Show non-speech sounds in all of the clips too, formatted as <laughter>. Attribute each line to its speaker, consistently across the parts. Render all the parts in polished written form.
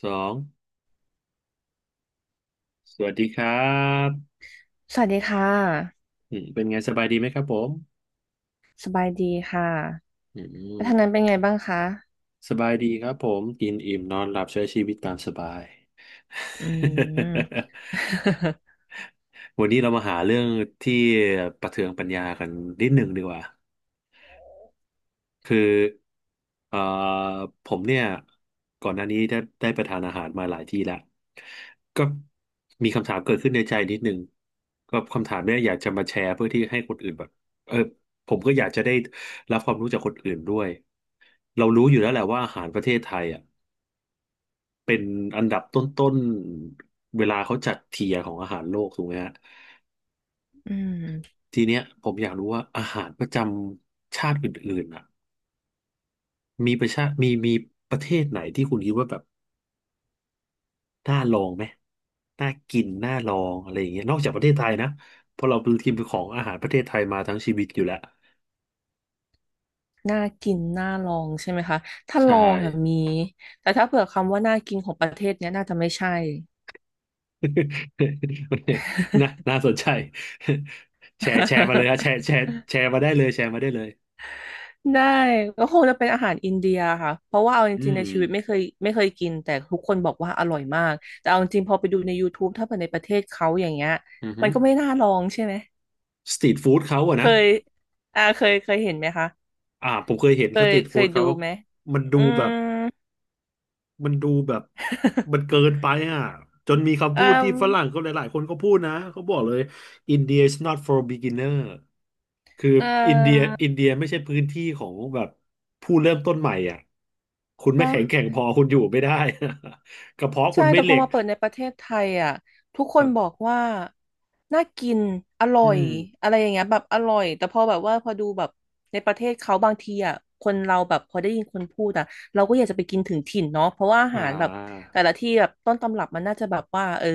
Speaker 1: สองสวัสดีครับ
Speaker 2: สวัสดีค่ะ
Speaker 1: อืมเป็นไงสบายดีไหมครับผม
Speaker 2: สบายดีค่ะ
Speaker 1: อื
Speaker 2: แล้ว
Speaker 1: ม
Speaker 2: ทางนั้นเป็นไงบ้างคะ
Speaker 1: สบายดีครับผมกินอิ่มนอนหลับใช้ชีวิตตามสบาย
Speaker 2: อืม
Speaker 1: <laughs> วันนี้เรามาหาเรื่องที่ประเทืองปัญญากันนิดหนึ่งดีกว่า คือเอ่อผมเนี่ยก่อนหน้านี้ได้ไปทานอาหารมาหลายที่แล้วก็มีคำถามเกิดขึ้นในใจนิดนึงก็คำถามเนี่ยอยากจะมาแชร์เพื่อที่ให้คนอื่นแบบเออผมก็อยากจะได้รับความรู้จากคนอื่นด้วยเรารู้อยู่แล้วแหละว่าอาหารประเทศไทยอ่ะเป็นอันดับต้นๆเวลาเขาจัดเทียร์ของอาหารโลกถูกไหมฮะ
Speaker 2: อืม
Speaker 1: ทีเนี้ยผมอยากรู้ว่าอาหารประจำชาติอื่นๆอ่ะมีประชามีประเทศไหนที่คุณคิดว่าแบบ น่าลองไหมน่ากิน น่าลองอะไรอย่างเงี้ยนอกจากประเทศไทยนะ เพราะเราเป็นทีมของอาหารประเทศไทยมาทั้งชีวิตอยู่แล้ว
Speaker 2: น่ากินน่าลองใช่ไหมคะถ้าล
Speaker 1: ใช่
Speaker 2: องอ่ะมีแต่ถ้าเผื่อคำว่าน่ากินของประเทศเนี้ยน่าจะไม่ใช่
Speaker 1: <laughs> โอเคน่าสนใจ <laughs> แชร์มาเลยนะแชร์แช
Speaker 2: <laughs>
Speaker 1: ร์แชร์มาได้เลยแชร์มาได้เลย
Speaker 2: ได้ก็คงจะเป็นอาหารอินเดียค่ะเพราะว่าเอาจ
Speaker 1: อื
Speaker 2: ริงๆ
Speaker 1: ม
Speaker 2: ในชีวิตไม่เคยกินแต่ทุกคนบอกว่าอร่อยมากแต่เอาจริงพอไปดูในยูทูบถ้าเผื่อในประเทศเขาอย่างเงี้ย
Speaker 1: อือฮึ
Speaker 2: มันก็ไม่น่าลองใช่ไหม
Speaker 1: สตรีทฟู้ดเขาอะ
Speaker 2: เค
Speaker 1: นะ
Speaker 2: ยเคยเห็นไหมคะ
Speaker 1: อ่าผมเคยเห็น
Speaker 2: เค
Speaker 1: ส
Speaker 2: ย
Speaker 1: ตรีท
Speaker 2: เค
Speaker 1: ฟู้
Speaker 2: ย
Speaker 1: ด
Speaker 2: ดู
Speaker 1: เขา
Speaker 2: ไหม
Speaker 1: มันดู
Speaker 2: อื
Speaker 1: แบ
Speaker 2: ม
Speaker 1: บ มันดูแบบมัน
Speaker 2: <laughs>
Speaker 1: เกินไปอ่ะจนมีคำ
Speaker 2: อื
Speaker 1: พูดที่ฝรั่งเขา
Speaker 2: ม
Speaker 1: หลายๆคนเขาพูดนะเขาบอกเลย India is not for beginner คือ
Speaker 2: เอ่
Speaker 1: อินเดีย
Speaker 2: อ
Speaker 1: ไม่ใช่พื้นที่ของแบบผู้เริ่มต้นใหม่อ่ะคุณไม่
Speaker 2: เนาะ
Speaker 1: แข็งแกร่งพอคุณอยู่ไม่ได้ <laughs> กระเพาะ
Speaker 2: ใช่
Speaker 1: คุณไม่
Speaker 2: แต่
Speaker 1: เห
Speaker 2: พ
Speaker 1: ล็
Speaker 2: อ
Speaker 1: ก
Speaker 2: มาเปิดในประเทศไทยอ่ะทุกค
Speaker 1: ค
Speaker 2: น
Speaker 1: รั
Speaker 2: บอ
Speaker 1: บ
Speaker 2: กว่าน่ากินอร่อ
Speaker 1: อื
Speaker 2: ย
Speaker 1: ม
Speaker 2: อะไรอย่างเงี้ยแบบอร่อยแต่พอแบบว่าพอดูแบบในประเทศเขาบางทีอ่ะคนเราแบบพอได้ยินคนพูดอ่ะเราก็อยากจะไปกินถึงถิ่นเนาะเพราะว่าอา
Speaker 1: อ่
Speaker 2: หารแบบ
Speaker 1: า
Speaker 2: แต่ละที่แบบต้นตำรับมันน่าจะแบบว่าเออ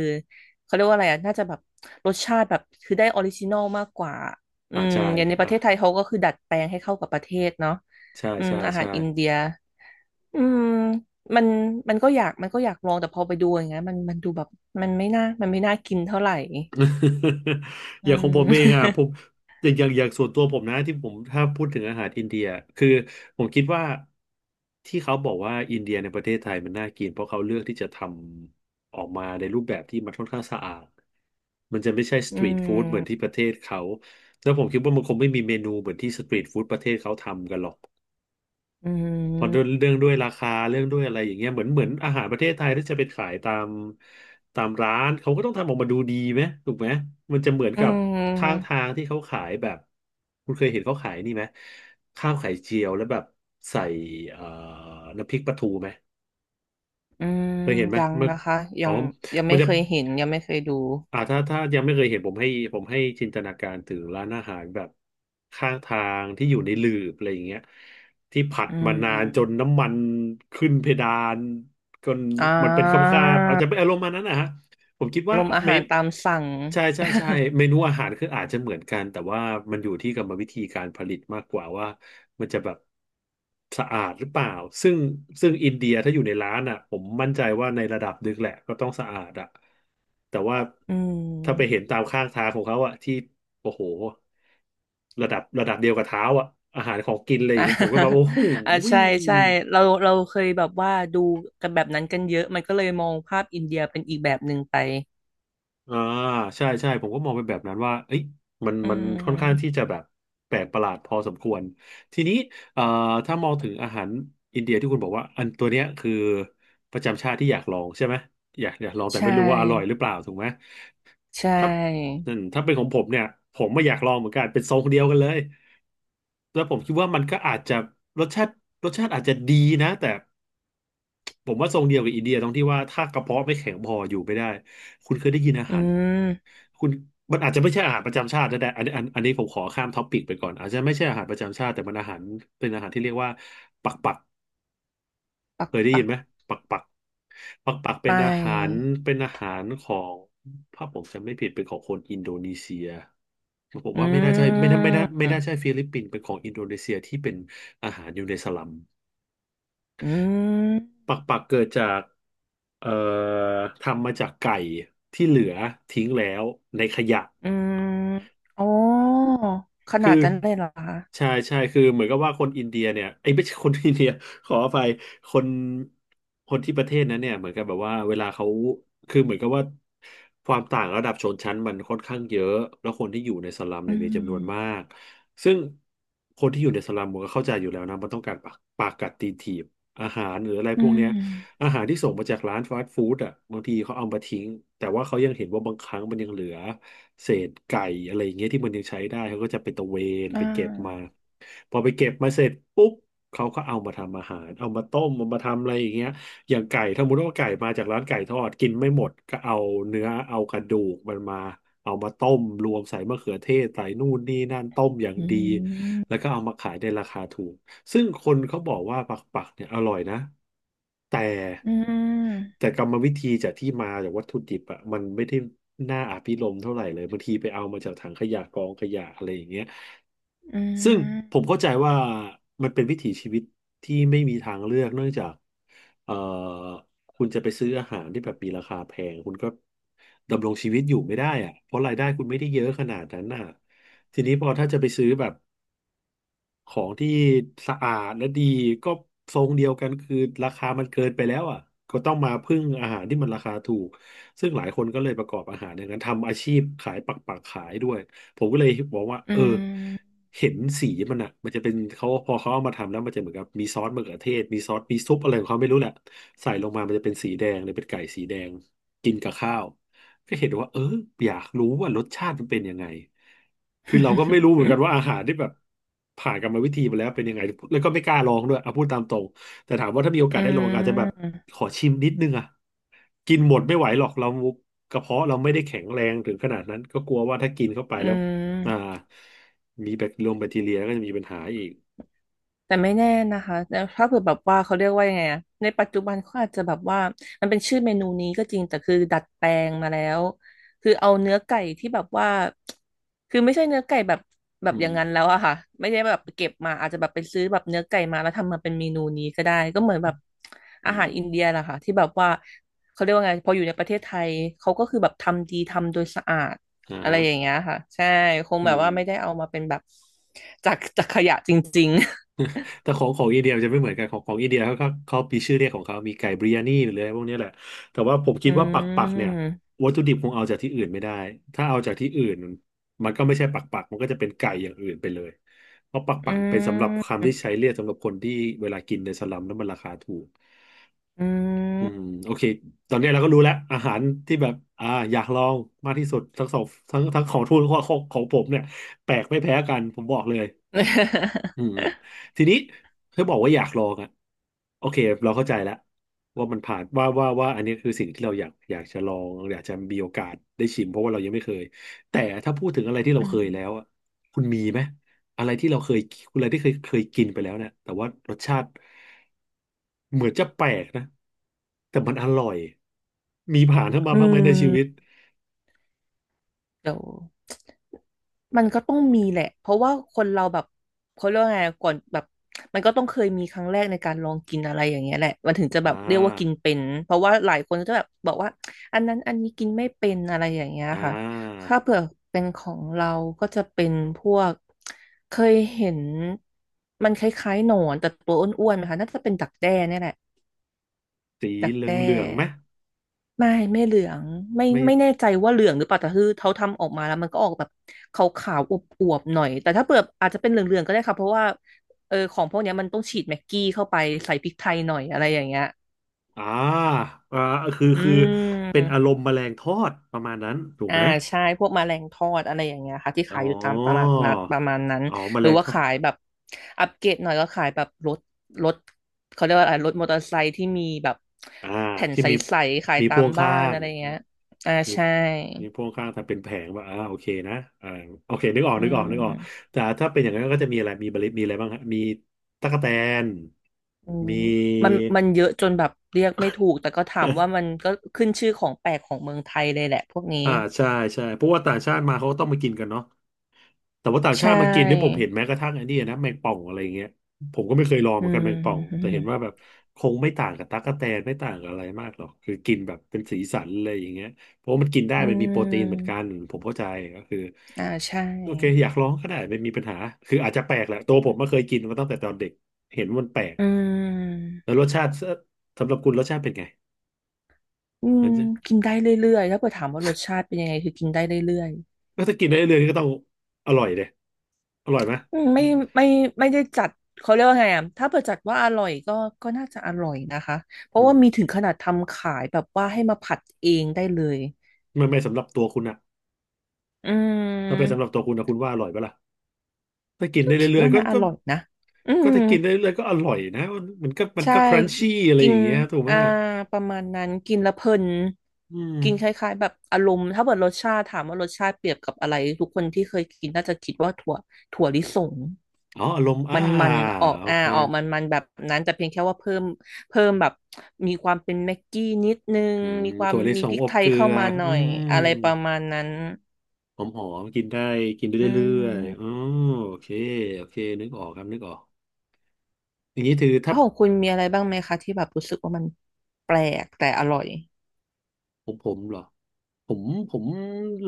Speaker 2: เขาเรียกว่าอะไรอ่ะน่าจะแบบรสชาติแบบคือได้ออริจินอลมากกว่าอื
Speaker 1: อ่า
Speaker 2: ม
Speaker 1: ใช่
Speaker 2: อย่างในป
Speaker 1: อ่า
Speaker 2: ระเทศไทยเขาก็คือดัดแปลงให้เข้ากับประเทศเนาะ
Speaker 1: ใช่
Speaker 2: อืม
Speaker 1: ใช่
Speaker 2: อาหาร
Speaker 1: ใช่
Speaker 2: อินเดีย อืมมันมันก็อยากลองแต่พอไปดูอย่างเงี้ยมันดูแบบมันไม่น่ากินเท่าไหร่
Speaker 1: <laughs> อ
Speaker 2: อื
Speaker 1: ย่างของผ
Speaker 2: ม
Speaker 1: มเองอ่ะผมอย่างส่วนตัวผมนะที่ผมถ้าพูดถึงอาหารอินเดียคือผมคิดว่าที่เขาบอกว่าอินเดียในประเทศไทยมันน่ากินเพราะเขาเลือกที่จะทำออกมาในรูปแบบที่มันค่อนข้างสะอาดมันจะไม่ใช่ส
Speaker 2: <laughs> อื
Speaker 1: ตรีทฟู้ดเหมือนที่
Speaker 2: ม
Speaker 1: ประเทศเขาแล้วผมคิดว่ามันคงไม่มีเมนูเหมือนที่สตรีทฟู้ดประเทศเขาทำกันหรอก
Speaker 2: อื
Speaker 1: พอเรื่อง
Speaker 2: ม
Speaker 1: เรื่องด้วยราคาเรื่องด้วยอะไรอย่างเงี้ยเหมือนอาหารประเทศไทยที่จะไปขายตามร้านเขาก็ต้องทำออกมาดูดีไหมถูกไหมมันจะเหมือน
Speaker 2: อื
Speaker 1: กับข้าง
Speaker 2: ม
Speaker 1: ทางที่เขาขายแบบคุณเคยเห็นเขาขายนี่ไหมข้าวไข่เจียวแล้วแบบใส่เอ่อน้ำพริกปลาทูไหม
Speaker 2: อืม
Speaker 1: เคยเห็นไหม
Speaker 2: ยัง
Speaker 1: มัน
Speaker 2: นะคะยั
Speaker 1: อ๋อ
Speaker 2: งยัง
Speaker 1: มั
Speaker 2: ไม่
Speaker 1: นจะ
Speaker 2: เคยเห็นยังไม่เคยดู
Speaker 1: อ่าถ้ายังไม่เคยเห็นผมให้จินตนาการถึงร้านอาหารแบบข้างทางที่อยู่ในหลืบอะไรอย่างเงี้ยที่ผัด
Speaker 2: อื
Speaker 1: มานานจน
Speaker 2: ม
Speaker 1: น้ำมันขึ้นเพดานจน
Speaker 2: อ่
Speaker 1: มันเป็นคำ
Speaker 2: า
Speaker 1: คาบๆอาจจะเป็นอารมณ์มานั้นนะฮะ ผมคิด
Speaker 2: อา
Speaker 1: ว่า
Speaker 2: รมณ์อา
Speaker 1: เม
Speaker 2: หาร
Speaker 1: น
Speaker 2: ตามสั่ง
Speaker 1: ใช่ใช่ใช่เมนูอาหารคืออาจจะเหมือนกันแต่ว่ามันอยู่ที่กรรมวิธีการผลิตมากกว่าว่ามันจะแบบสะอาดหรือเปล่าซึ่งอินเดียถ้าอยู่ในร้านอ่ะผมมั่นใจว่าในระดับหนึงแหละก็ต้องสะอาดอ่ะแต่ว่า
Speaker 2: <laughs> อื
Speaker 1: ถ้า
Speaker 2: ม
Speaker 1: ไป
Speaker 2: <laughs>
Speaker 1: เห็นตามข้างทางของเขาอ่ะที่โอ้โหระดับเดียวกับเท้าอ่ะอาหารของกินเลยอ
Speaker 2: อ่
Speaker 1: ย่างเงี้ยผมก็แบบ
Speaker 2: า
Speaker 1: โอ้โห
Speaker 2: อ่าใช่ใช่เราเคยแบบว่าดูกันแบบนั้นกันเยอะมันก็เลยมองภาพอินเดียเป็นอีกแบบหนึ่งไป
Speaker 1: อ่าใช่ใช่ผมก็มองเป็นแบบนั้นว่าเอ้ยมัน
Speaker 2: อื
Speaker 1: มันค่อนข้างที่
Speaker 2: ม
Speaker 1: จะแบบแปลกประหลาดพอสมควรทีนี้เอ่อถ้ามองถึงอาหารอินเดียที่คุณบอกว่าอันตัวเนี้ยคือประจำชาติที่อยากลองใช่ไหมอยากลอง
Speaker 2: ใช
Speaker 1: แต่ไม่รู้ว่าอร่อยห
Speaker 2: ่
Speaker 1: รือเปล่าถูกไหม
Speaker 2: ใช
Speaker 1: ถ้า
Speaker 2: ่
Speaker 1: อืมถ้าเป็นของผมเนี่ยผมไม่อยากลองเหมือนกันเป็นทรงเดียวกันเลยแล้วผมคิดว่ามันก็อาจจะรสชาติอาจจะดีนะแต่ผมว่าทรงเดียวกับอินเดียตรงที่ว่าถ้ากระเพาะไม่แข็งพออยู่ไม่ได้คุณเคยได้ยินอา
Speaker 2: อื
Speaker 1: หาร
Speaker 2: ม
Speaker 1: คุณมันอาจจะไม่ใช่อาหารประจำชาติก็ได้อันนี้อันนี้ผมขอข้ามท็อปปิกไปก่อนอาจจะไม่ใช่อาหารประจำชาติแต่มันอาหารเป็นอาหารที่เรียกว่าปักปัก
Speaker 2: ปัก
Speaker 1: เคยได้
Speaker 2: ปั
Speaker 1: ยิน
Speaker 2: ก
Speaker 1: ไหมปักปักปักปัก
Speaker 2: ไ
Speaker 1: เป็นอาหาร
Speaker 2: ป
Speaker 1: เป็นอาหารของถ้าผมจำไม่ผิดเป็นของคนอินโดนีเซียผม
Speaker 2: อื
Speaker 1: ว่าไม่น่าใช่ไม่น่าใช่
Speaker 2: ม
Speaker 1: ฟิลิปปินส์เป็นของอินโดนีเซียที่เป็นอาหารอยู่ในสลัม
Speaker 2: อืม
Speaker 1: ปักปักเกิดจากเอ่อทำมาจากไก่ที่เหลือทิ้งแล้วในขยะ
Speaker 2: อืมโอ้ขนา
Speaker 1: คื
Speaker 2: ด
Speaker 1: อ
Speaker 2: นั้นเลยเหรอคะ
Speaker 1: ใช่ใช่คือเหมือนกับว่าคนอินเดียเนี่ยไอ้ยไม่ใช่คนอินเดีย <laughs> ขออภัยคนที่ประเทศนั้นเนี่ยเหมือนกับแบบว่าเวลาเขาคือเหมือนกับว่าความต่างระดับชนชั้นมันค่อนข้างเยอะแล้วคนที่อยู่ในสลัม
Speaker 2: อื
Speaker 1: เนี่ยมีจำนวนมา
Speaker 2: ม
Speaker 1: กซึ่งคนที่อยู่ในสลัมมันก็เข้าใจอยู่แล้วนะมันต้องการปากกัดตีนถีบอาหารหรืออะไร
Speaker 2: อื
Speaker 1: พวกเนี้ย
Speaker 2: ม
Speaker 1: อาหารที่ส่งมาจากร้านฟาสต์ฟู้ดอ่ะบางทีเขาเอามาทิ้งแต่ว่าเขายังเห็นว่าบางครั้งมันยังเหลือ เศษไก่อะไรอย่างเงี้ยที่มันยังใช้ได้เขาก็จะไปตะเวน
Speaker 2: อ่
Speaker 1: ไปเก็บมา
Speaker 2: า
Speaker 1: พอไปเก็บมาเสร็จปุ๊บเขาก็เอามาทำอาหารเอามาต้มเอามาทำอะไรอย่างเงี้ยอย่างไก่ถ้าสมมติว่าไก่มาจากร้านไก่ทอดกินไม่หมดก็เอาเนื้อเอากระดูกมันมาเอามาต้มรวมใส่มะเขือเทศใส่นู่นนี่นั่นต้มอย่าง
Speaker 2: อื
Speaker 1: ดีแล้
Speaker 2: ม
Speaker 1: วก็เอามาขายในราคาถูก ซึ่งคนเขาบอกว่าปักปักเนี่ยอร่อยนะแต่
Speaker 2: อืม
Speaker 1: แต่กรรมวิธีจากที่มาจากวัตถุดิบอ่ะมันไม่ได้น่าอภิรมย์เท่าไหร่เลยบางทีไปเอามาจากถังขยะกองขยะอะไรอย่างเงี้ย
Speaker 2: อื
Speaker 1: ซึ่ง
Speaker 2: ม
Speaker 1: ผมเข้าใจว่ามันเป็นวิถีชีวิตที่ไม่มีทางเลือกเนื่องจากเอ่อคุณจะไปซื้ออาหารที่แบบมีราคาแพงคุณก็ดำรงชีวิตอยู่ไม่ได้อะเพราะรายได้คุณไม่ได้เยอะขนาดนั้นน่ะทีนี้พอถ้าจะไปซื้อแบบ ของที่สะอาดและดีก็ทรงเดียวกันคือราคามันเกินไปแล้วอ่ะก็ต้องมาพึ่งอาหารที่มันราคาถูกซึ่งหลายคนก็เลยประกอบอาหารอย่างนั้นทำอาชีพขายปักปักขายด้วยผมก็เลยบอกว่า
Speaker 2: อื
Speaker 1: เออ
Speaker 2: ม
Speaker 1: เห็นสีมันอ่ะมันจะเป็นเขาพอเขาเอามาทำแล้วมันจะเหมือนกับมีซอสมะเขือเทศมีซอสมีซุปอะไรของเขาไม่รู้แหละใส่ลงมามันจะเป็นสีแดงเลยเป็นไก่สีแดงกินกับข้าว ก็เห็นว่าเอออยากรู้ว่ารสชาติมันเป็นยังไงคือเราก็ไม่รู้เหมือนกันว่าอา
Speaker 2: อ
Speaker 1: หารที่แบบผ่านกรรมวิธีมาแล้วเป็นยังไงแล้วก็ไม่กล้าลองด้วยเอาพูดตามตรงแต่ถามว่าถ้ามีโอกา
Speaker 2: ื
Speaker 1: สได้ลองอาจจะแบบ
Speaker 2: ม
Speaker 1: ขอชิมนิดนึงอ่ะกินหมดไม่ไหวหรอกเรากระเพาะเราไม่ได้แข็งแรงถึงขนาดนั้นก็กลัวว่าถ้ากินเข้าไป
Speaker 2: อื
Speaker 1: แล้วอ่า
Speaker 2: ม
Speaker 1: มีแบคทีเรียก็จะมีปัญหาอีก
Speaker 2: แต่ไม่แน่นะคะแต่ถ้าเผื่อแบบว่าเขาเรียกว่ายังไงอะในปัจจุบันเขาอาจจะแบบว่ามันเป็นชื่อเมนูนี้ก็จริงแต่คือดัดแปลงมาแล้วคือเอาเนื้อไก่ที่แบบว่าคือไม่ใช่เนื้อไก่แบบแบ
Speaker 1: อื
Speaker 2: บอย่า
Speaker 1: ม
Speaker 2: งนั้นแล้วอะค่ะไม่ได้แบบเก็บมาอาจจะแบบไปซื้อแบบเนื้อไก่มาแล้วทำมาเป็นเมนูนี้ก็ได้ก็เหมือนแบบอา
Speaker 1: อื
Speaker 2: หา
Speaker 1: ม
Speaker 2: รอินเดียแหละค่ะที่แบบว่าเขาเรียกว่าไงพออยู่ในประเทศไทยเขาก็คือแบบทำดีทำโดยสะอาด
Speaker 1: อ่า
Speaker 2: อะไร
Speaker 1: ฮะ
Speaker 2: อย่างเงี้ยค่ะใช่คง
Speaker 1: อื
Speaker 2: แบบ
Speaker 1: ม
Speaker 2: ว่าไม่ได้เอามาเป็นแบบจากขยะจริง
Speaker 1: แต่ของอินเดียมันจะไม่เหมือนกันของอินเดียเขามีชื่อเรียกของเขามีไก่บริยานีหรืออะไรพวกนี้แหละแต่ว่าผม
Speaker 2: อื
Speaker 1: คิดว่าปักปักเนี่ย
Speaker 2: ม
Speaker 1: วัตถุดิบคงเอาจากที่อื่นไม่ได้ ถ้าเอาจากที่อื่นมันก็ไม่ใช่ปักปักมันก็จะเป็นไก่อย่างอื่นไปเลยเพราะปัก
Speaker 2: อื
Speaker 1: ปักเป็นสำหรับคำที่ใช้
Speaker 2: ม
Speaker 1: เรียกสำหรับคนที่เวลากินในสลัมแล้วมันราคาถูก
Speaker 2: อืม
Speaker 1: อืมโอเคตอนนี้เราก็รู้แล้วอาหารที่แบบอยากลองมากที่สุดทั้งสองทั้งของทูนของผมเนี่ยแปลกไม่แพ้กันผมบอกเลย อืม
Speaker 2: <laughs>
Speaker 1: ทีนี้เธอบอกว่าอยากลองอะโอเคเราเข้าใจแล้วว่ามันผ่านว่าอันนี้คือสิ่งที่เราอยากจะลองอยากจะมีโอกาสได้ชิมเพราะว่าเรายังไม่เคยแต่ถ้าพูดถึงอะไรที่
Speaker 2: อื
Speaker 1: เราเค
Speaker 2: ม
Speaker 1: ยแล้วอะคุณมีไหมอะไรที่เราเคยคุณอะไรที่เคยกินไปแล้วเนี่ยแต่ว่ารสชาติเหมือนจะแปลกนะแต่มันอร่อยมีผ่านเข้ามา
Speaker 2: อื
Speaker 1: บ้างไหมในชีวิ
Speaker 2: ม
Speaker 1: ต
Speaker 2: เดี๋ยวมันก็ต้องมีแหละ เพราะว่าคนเราแบบเขาเรียกว่าไงก่อนแบบมันก็ต้องเคยมีครั้งแรกในการลองกินอะไรอย่างเงี้ยแหละมันถึงจะแบ
Speaker 1: อ่
Speaker 2: บเรียกว่ากิน
Speaker 1: า
Speaker 2: เป็นเพราะว่าหลายคนก็จะแบบบอกว่าอันนั้นอันนี้กินไม่เป็นอะไรอย่างเงี้ย
Speaker 1: อ่
Speaker 2: ค่ะ
Speaker 1: า
Speaker 2: ถ้าเผื่อเป็นของเราก็จะเป็นพวกเคยเห็นมันคล้ายๆหนอนแต่ตัวอ้วนๆนะคะน่าจะเป็นดักแด้เนี่ยแหละ
Speaker 1: สี
Speaker 2: ดัก
Speaker 1: เห
Speaker 2: แด้
Speaker 1: ลืองๆไหม
Speaker 2: ไม่เหลืองไม่
Speaker 1: ไม่
Speaker 2: ไม่แน่ใจว่าเหลืองหรือเปล่าแต่คือเขาทำออกมาแล้วมันก็ออกแบบขาวขาวอวบอวบๆหน่อยแต่ถ้าเปิดอาจจะเป็นเหลืองเหลืองก็ได้ค่ะเพราะว่าเออของพวกเนี้ยมันต้องฉีดแม็กกี้เข้าไปใส่พริกไทยหน่อยอะไรอย่างเงี้ย
Speaker 1: อ่าอ่าคือ
Speaker 2: อื
Speaker 1: คือเป็นอาร
Speaker 2: ม
Speaker 1: มณ์แมลงทอดประมาณนั้นถูก
Speaker 2: อ่า
Speaker 1: ไหม
Speaker 2: ใช่พวกแมลงทอดอะไรอย่างเงี้ยค่ะที่ขา
Speaker 1: อ๋
Speaker 2: ยอยู่ตามตลา
Speaker 1: อ
Speaker 2: ดนัดประมาณนั้น
Speaker 1: อ๋อแม
Speaker 2: หรื
Speaker 1: ล
Speaker 2: อ
Speaker 1: ง
Speaker 2: ว่า
Speaker 1: ทอด
Speaker 2: ขายแบบอัปเกรดหน่อยก็ขายแบบรถเขาเรียกว่าอะไรรถมอเตอร์ไซค์ที่มีแบบ
Speaker 1: อ่า
Speaker 2: แผ่น
Speaker 1: ที่
Speaker 2: ใ
Speaker 1: มี
Speaker 2: สๆขาย
Speaker 1: มี
Speaker 2: ตา
Speaker 1: พ่
Speaker 2: ม
Speaker 1: วง
Speaker 2: บ้า
Speaker 1: ข้า
Speaker 2: น
Speaker 1: ง
Speaker 2: อะไรอย่างเงี้ยอ่า
Speaker 1: มี
Speaker 2: ใช่
Speaker 1: มีพ่วงข้างแต่เป็นแผงว่าอ่าโอเคนะอ่าโอเคนึกออก
Speaker 2: อื
Speaker 1: นึกออกนึกออก
Speaker 2: ม
Speaker 1: แต่ถ้าเป็นอย่างนั้นก็จะมีอะไรมีบริษมีอะไรบ้างฮะมีตั๊กแตน
Speaker 2: อืม
Speaker 1: มี
Speaker 2: มันเยอะจนแบบเรียกไม่ถูกแต่ก็ถามว่ามั
Speaker 1: <laughs>
Speaker 2: นก็ขึ้นชื่อของแปลกของเมืองไทยเลยแหละพวกนี้
Speaker 1: อ่าใช่ใช่เพราะว่าต่างชาติมาเขาก็ต้องมากินกันเนาะ แต่ว่าต่าง
Speaker 2: ใช
Speaker 1: ชาติมากินเนี่ยผม
Speaker 2: ่
Speaker 1: เห็นแม้กระทั่งไอ้นี่นะแมงป่องอะไรเงี้ยผมก็ไม่เคยลองเห
Speaker 2: อื
Speaker 1: มือนกันแมงป่องแต่
Speaker 2: ม
Speaker 1: เห็นว่าแบบคงไม่ต่างกับตั๊กแตนไม่ต่างกับอะไรมากหรอกคือกินแบบเป็นสีสันอะไรอย่างเงี้ยเพราะว่ามันกินได้
Speaker 2: อื
Speaker 1: มันมีโปรตีนเหมือนกั
Speaker 2: ม
Speaker 1: นผมเข้าใจก็คือ
Speaker 2: อ่าใช่
Speaker 1: โอเคอยากลองก็ได้ไม่มีปัญหาคืออาจจะแปลกแหละตัวผมไม่เคยกินมาตั้งแต่ตอนเด็กเห็นว่ามันแปลก
Speaker 2: อืม
Speaker 1: แล้วรสชาติสำหรับคุณรสชาติเป็นไง
Speaker 2: อืม
Speaker 1: งั้นจะ
Speaker 2: กินได้เรื่อยๆถ้าเกิดถามว่ารสชาติเป็นยังไงคือกินได้เรื่อย
Speaker 1: ก็ถ้ากินได้เรื่อยๆก็ต้องอร่อยเลยอร่อยไหม
Speaker 2: ๆอืมไม่ไม่ได้จัดเขาเรียกว่าไงอ่ะถ้าเกจัดว่าอร่อยก็น่าจะอร่อยนะคะเพ
Speaker 1: อื
Speaker 2: ราะว่า
Speaker 1: ม
Speaker 2: มีถึงขนาดทำขายแบบว่าให้มาผัดเองได้เลย
Speaker 1: ไม่ไม่สำหรับตัวคุณอะ
Speaker 2: อื
Speaker 1: ถ้าเป็นสำหรับ
Speaker 2: ม
Speaker 1: ตัวคุณนะคุณว่าอร่อยปะล่ะถ้ากิน
Speaker 2: ก็
Speaker 1: ได้
Speaker 2: คิด
Speaker 1: เรื่อย
Speaker 2: ว่า
Speaker 1: ๆก็
Speaker 2: น่าอ
Speaker 1: ก็
Speaker 2: ร่อยนะอื
Speaker 1: ก็
Speaker 2: ม
Speaker 1: ถ้ากินได้เรื่อยๆก็อร่อยนะมันมันก็มัน
Speaker 2: ใช่
Speaker 1: ก็ครันชี่อะไร
Speaker 2: กิ
Speaker 1: อ
Speaker 2: น
Speaker 1: ย่างเงี้ยถูกไหม
Speaker 2: อ่าประมาณนั้นกินแล้วเพลิน
Speaker 1: อืม
Speaker 2: กินคล้ายๆแบบอารมณ์ถ้าเกิดรสชาติถามว่ารสชาติเปรียบกับอะไรทุกคนที่เคยกินน่าจะคิดว่าถั่วลิสง
Speaker 1: อ๋ออารมณ์อ่า
Speaker 2: มันออก
Speaker 1: โอเค
Speaker 2: ออกมันแบบนั้นแต่เพียงแค่ว่าเพิ่มแบบมีความเป็นแม็กกี้นิดนึง
Speaker 1: อืม
Speaker 2: มีความ
Speaker 1: ถั่วลิ
Speaker 2: มี
Speaker 1: ส
Speaker 2: พริ
Speaker 1: ง
Speaker 2: ก
Speaker 1: อบ
Speaker 2: ไทย
Speaker 1: เกลื
Speaker 2: เข้า
Speaker 1: อ
Speaker 2: มาหน่
Speaker 1: อื
Speaker 2: อย
Speaker 1: ม
Speaker 2: อะไรประมาณนั้น
Speaker 1: หอมๆกินได้กิน
Speaker 2: อื
Speaker 1: ได้เรื่อยๆอ๋อ
Speaker 2: ม
Speaker 1: โอเคโอเคนึกออกครับนึกออกอย่างนี้ถือ
Speaker 2: แล้
Speaker 1: ถ้า
Speaker 2: วของคุณมีอะไรบ้างไหมคะที่แบบรู้สึกว่ามันแปลกแต่อร่อย
Speaker 1: ผมเหรอผมผม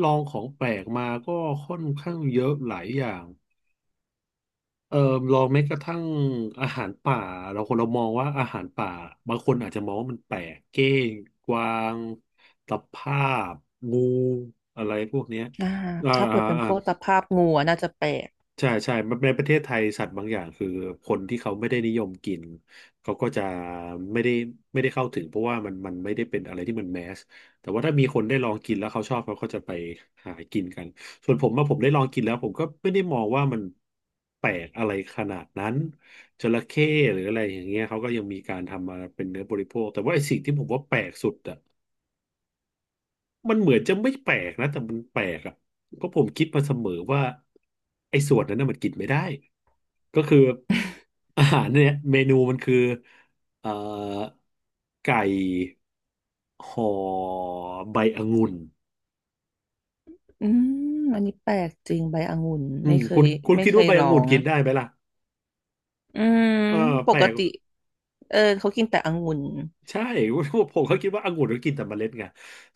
Speaker 1: ลองของแปลกมาก็ค่อนข้างเยอะหลายอย่าง เอ่อลองแม้กระทั่งอาหารป่าเราคนเรามองว่าอาหารป่าบางคนอาจจะมองว่ามันแปลกเก้งกวางตะภาพงูอะไรพวกเนี้ย
Speaker 2: อ่า
Speaker 1: อ่า
Speaker 2: ถ้าเปิ
Speaker 1: อ่า
Speaker 2: ดเป็น
Speaker 1: อ่า
Speaker 2: พวกตะภาพงูอะน่าจะแปลก
Speaker 1: ใช่ใช่ในประเทศไทยสัตว์บางอย่างคือคนที่เขาไม่ได้นิยมกินเขาก็จะไม่ได้ไม่ได้เข้าถึงเพราะว่ามันมันไม่ได้เป็นอะไรที่มันแมสแต่ว่าถ้ามีคนได้ลองกินแล้วเขาชอบเขาก็จะไปหากินกันส่วนผมมาผมได้ลองกินแล้วผมก็ไม่ได้มองว่ามันแปลกอะไรขนาดนั้นจระเข้หรืออะไรอย่างเงี้ยเขาก็ยังมีการทำมาเป็นเนื้อบริโภคแต่ว่าไอ้สิ่งที่ผมว่าแปลกสุดอะ มันเหมือนจะไม่แปลกนะแต่มันแปลกอ่ะเพราะผมคิดมาเสมอว่าไอ้ส่วนนั้นน่ะมันกินไม่ได้ก็คืออาหารเนี่ยเมนูมันคือเอ่อไก่ห่อใบองุ่น
Speaker 2: อืมอันนี้แปลกจริงใบองุ่น
Speaker 1: อื
Speaker 2: ไม่
Speaker 1: ม
Speaker 2: เค
Speaker 1: คุ
Speaker 2: ย
Speaker 1: ณคุณคิดว่าใบ
Speaker 2: ล
Speaker 1: อ
Speaker 2: อ
Speaker 1: งุ่น
Speaker 2: ง
Speaker 1: กินได้ไหมล่ะ
Speaker 2: อืม
Speaker 1: เออ
Speaker 2: ป
Speaker 1: แปล
Speaker 2: ก
Speaker 1: ก
Speaker 2: ติเออเขากินแต่องุ่น
Speaker 1: ใช่ <laughs> ผมก็คิดว่าองุ่นก็กินแต่เมล็ดไง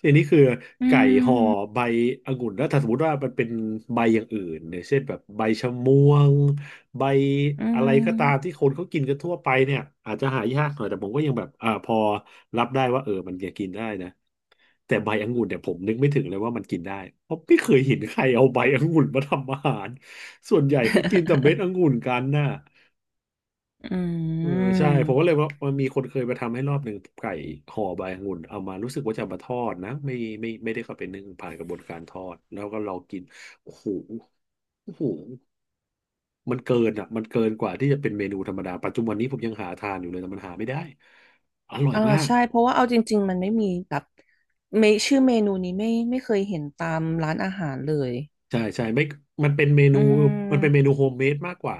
Speaker 1: ทีนี้คือ
Speaker 2: อื
Speaker 1: ไก่ห่อ
Speaker 2: ม
Speaker 1: ใบองุ่นแล้วถ้าสมมติว่ามันเป็นใบอย่างอื่นเนี่ยเช่นแบบใบชะม่วงใบ
Speaker 2: อื
Speaker 1: อะไรก็ตามที่
Speaker 2: ม
Speaker 1: คนเขากินกันทั่วไปเนี่ยอาจจะหายากหน่อยแต่ผมก็ยังแบบพอรับได้ว่าเออมันจะกินได้นะแต่ใบองุ่นเนี่ยผมนึกไม่ถึงเลยว่ามันกินได้เพราะไม่เคยเห็นใครเอาใบองุ่นมาทำอาหารส่วนใหญ่เขากินแต่เม็ดองุ่นกันน่ะ
Speaker 2: อื
Speaker 1: เออใช่
Speaker 2: ม
Speaker 1: ผมก็เลยว่ามันมีคนเคยมาทำให้รอบหนึ่งไก่ห่อใบองุ่นเอามารู้สึกว่าจะมาทอดนะไม่ได้เข้าไปนึ่งผ่านกระบวนการทอดแล้วก็ลองกินโอ้โหโอ้โหมันเกินอ่ะมันเกินกว่าที่จะเป็นเมนูธรรมดาปัจจุบันนี้ผมยังหาทานอยู่เลยแต่มันหาไม่ได้อร่อย
Speaker 2: อ่า
Speaker 1: มาก
Speaker 2: ใช่เพราะว่าเอาจริงๆมันไม่มีแบบชื่อเมนูนี้ไม่เคยเห็นตามร้านอาหารเลย
Speaker 1: ใช่ใช่ไม่มันเป็นเม
Speaker 2: อื
Speaker 1: นูมันเป็นเม
Speaker 2: ม
Speaker 1: นูโฮมเมดมากกว่า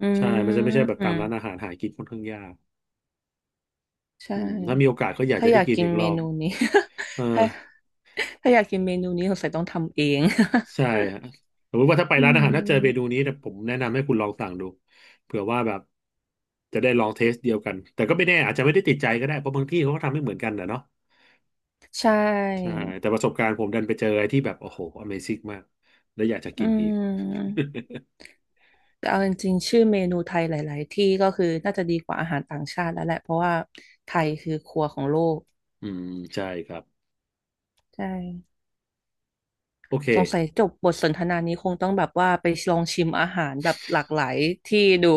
Speaker 2: อื
Speaker 1: ใช่มันจะไม่ใช่แบบ
Speaker 2: ม
Speaker 1: ตามร้านอาหารหากินค่อนข้างยาก
Speaker 2: ใช่
Speaker 1: อืมถ้ามีโอกาสก็อยาก
Speaker 2: ถ้า
Speaker 1: จะ
Speaker 2: อ
Speaker 1: ได้
Speaker 2: ยาก
Speaker 1: กิน
Speaker 2: กิน
Speaker 1: อีก
Speaker 2: เม
Speaker 1: รอบ
Speaker 2: นูนี้
Speaker 1: เออ
Speaker 2: <laughs> ถ้าถ้าอยากกินเมนูนี้สงสัยต้องทำเอง <laughs>
Speaker 1: ใช่ฮะสมมติว่าถ้าไป
Speaker 2: อื
Speaker 1: ร้านอาหารถ้าเจอเมนู
Speaker 2: ม
Speaker 1: นี้เนี่ยผมแนะนำให้คุณลองสั่งดูเผื่อว่าแบบจะได้ลองเทสเดียวกันแต่ก็ไม่แน่อาจจะไม่ได้ติดใจก็ได้เพราะบางที่เขาก็ทำไม่เหมือนกันนะเนาะ
Speaker 2: ใช่
Speaker 1: ใช่แต่ประสบการณ์ผมดันไปเจออะไรที่แบบโอ้โห Amazing มากแล้วอยากจะ
Speaker 2: อื
Speaker 1: กินอีก
Speaker 2: มแต่เอาจริงๆชื่อเมนูไทยหลายๆ ที่ก็คือน่าจะดีกว่าอาหารต่างชาติแล้วแหละเพราะว่าไทยคือครัวของโลก
Speaker 1: <laughs> อืมใช่ครับ
Speaker 2: ใช่
Speaker 1: โอ
Speaker 2: สงสัย
Speaker 1: เค
Speaker 2: จบบทสนทนานี้คงต้องแบบว่าไปลองชิมอาหารแบบหลากหลายที่ดู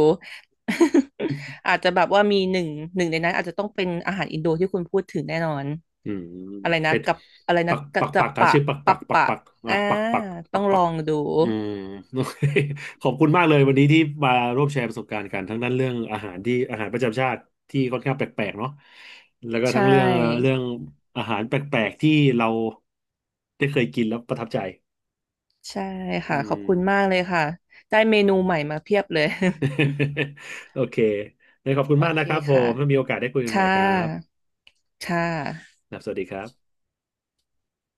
Speaker 2: <laughs> อาจจะแบบว่ามีหนึ่งในนั้นอาจจะต้องเป็นอาหารอินโดที่คุณพูดถึงแน่นอน
Speaker 1: อืม
Speaker 2: อะไรนะ
Speaker 1: เป็ด
Speaker 2: กับอะไร
Speaker 1: ปั
Speaker 2: นะ
Speaker 1: ก
Speaker 2: กั
Speaker 1: ปั
Speaker 2: จ
Speaker 1: ก
Speaker 2: จะ
Speaker 1: ปักอ่ะ
Speaker 2: ปะ
Speaker 1: ชื่อปักปั
Speaker 2: ปะ
Speaker 1: กปัก
Speaker 2: ปะ
Speaker 1: ปักอ่ะ
Speaker 2: อ่า
Speaker 1: ปักปักป
Speaker 2: ต้
Speaker 1: ั
Speaker 2: อง
Speaker 1: ก
Speaker 2: ล
Speaker 1: ปั
Speaker 2: อ
Speaker 1: ก
Speaker 2: งดู
Speaker 1: อืมโอเค <laughs> ขอบคุณมากเลยวันนี้ที่มาร่วมแชร์ประสบการณ์กันทั้งนั้นเรื่องอาหารที่อาหารประจำชาติที่ค่อนข้างแปลกๆเนาะแล้วก็
Speaker 2: ใช
Speaker 1: ทั้งเรื่องเรื่
Speaker 2: ่
Speaker 1: องอาหารแปลกๆที่เราได้เคยกินแล้วประทับใจ
Speaker 2: ใช่
Speaker 1: อื
Speaker 2: ค่ะขอบ
Speaker 1: ม
Speaker 2: คุณมากเลยค่ะได้เมนูใหม่มาเพียบเลย
Speaker 1: <laughs> โอเคงั้นขอบคุ
Speaker 2: <laughs>
Speaker 1: ณ
Speaker 2: โอ
Speaker 1: มาก
Speaker 2: เค
Speaker 1: นะครับผ
Speaker 2: ค่ะ
Speaker 1: มถ้ามีโอกาสได้คุยกันให
Speaker 2: ค่
Speaker 1: ม่ครับ
Speaker 2: ะค่ะ
Speaker 1: ครับสวัสดีครับ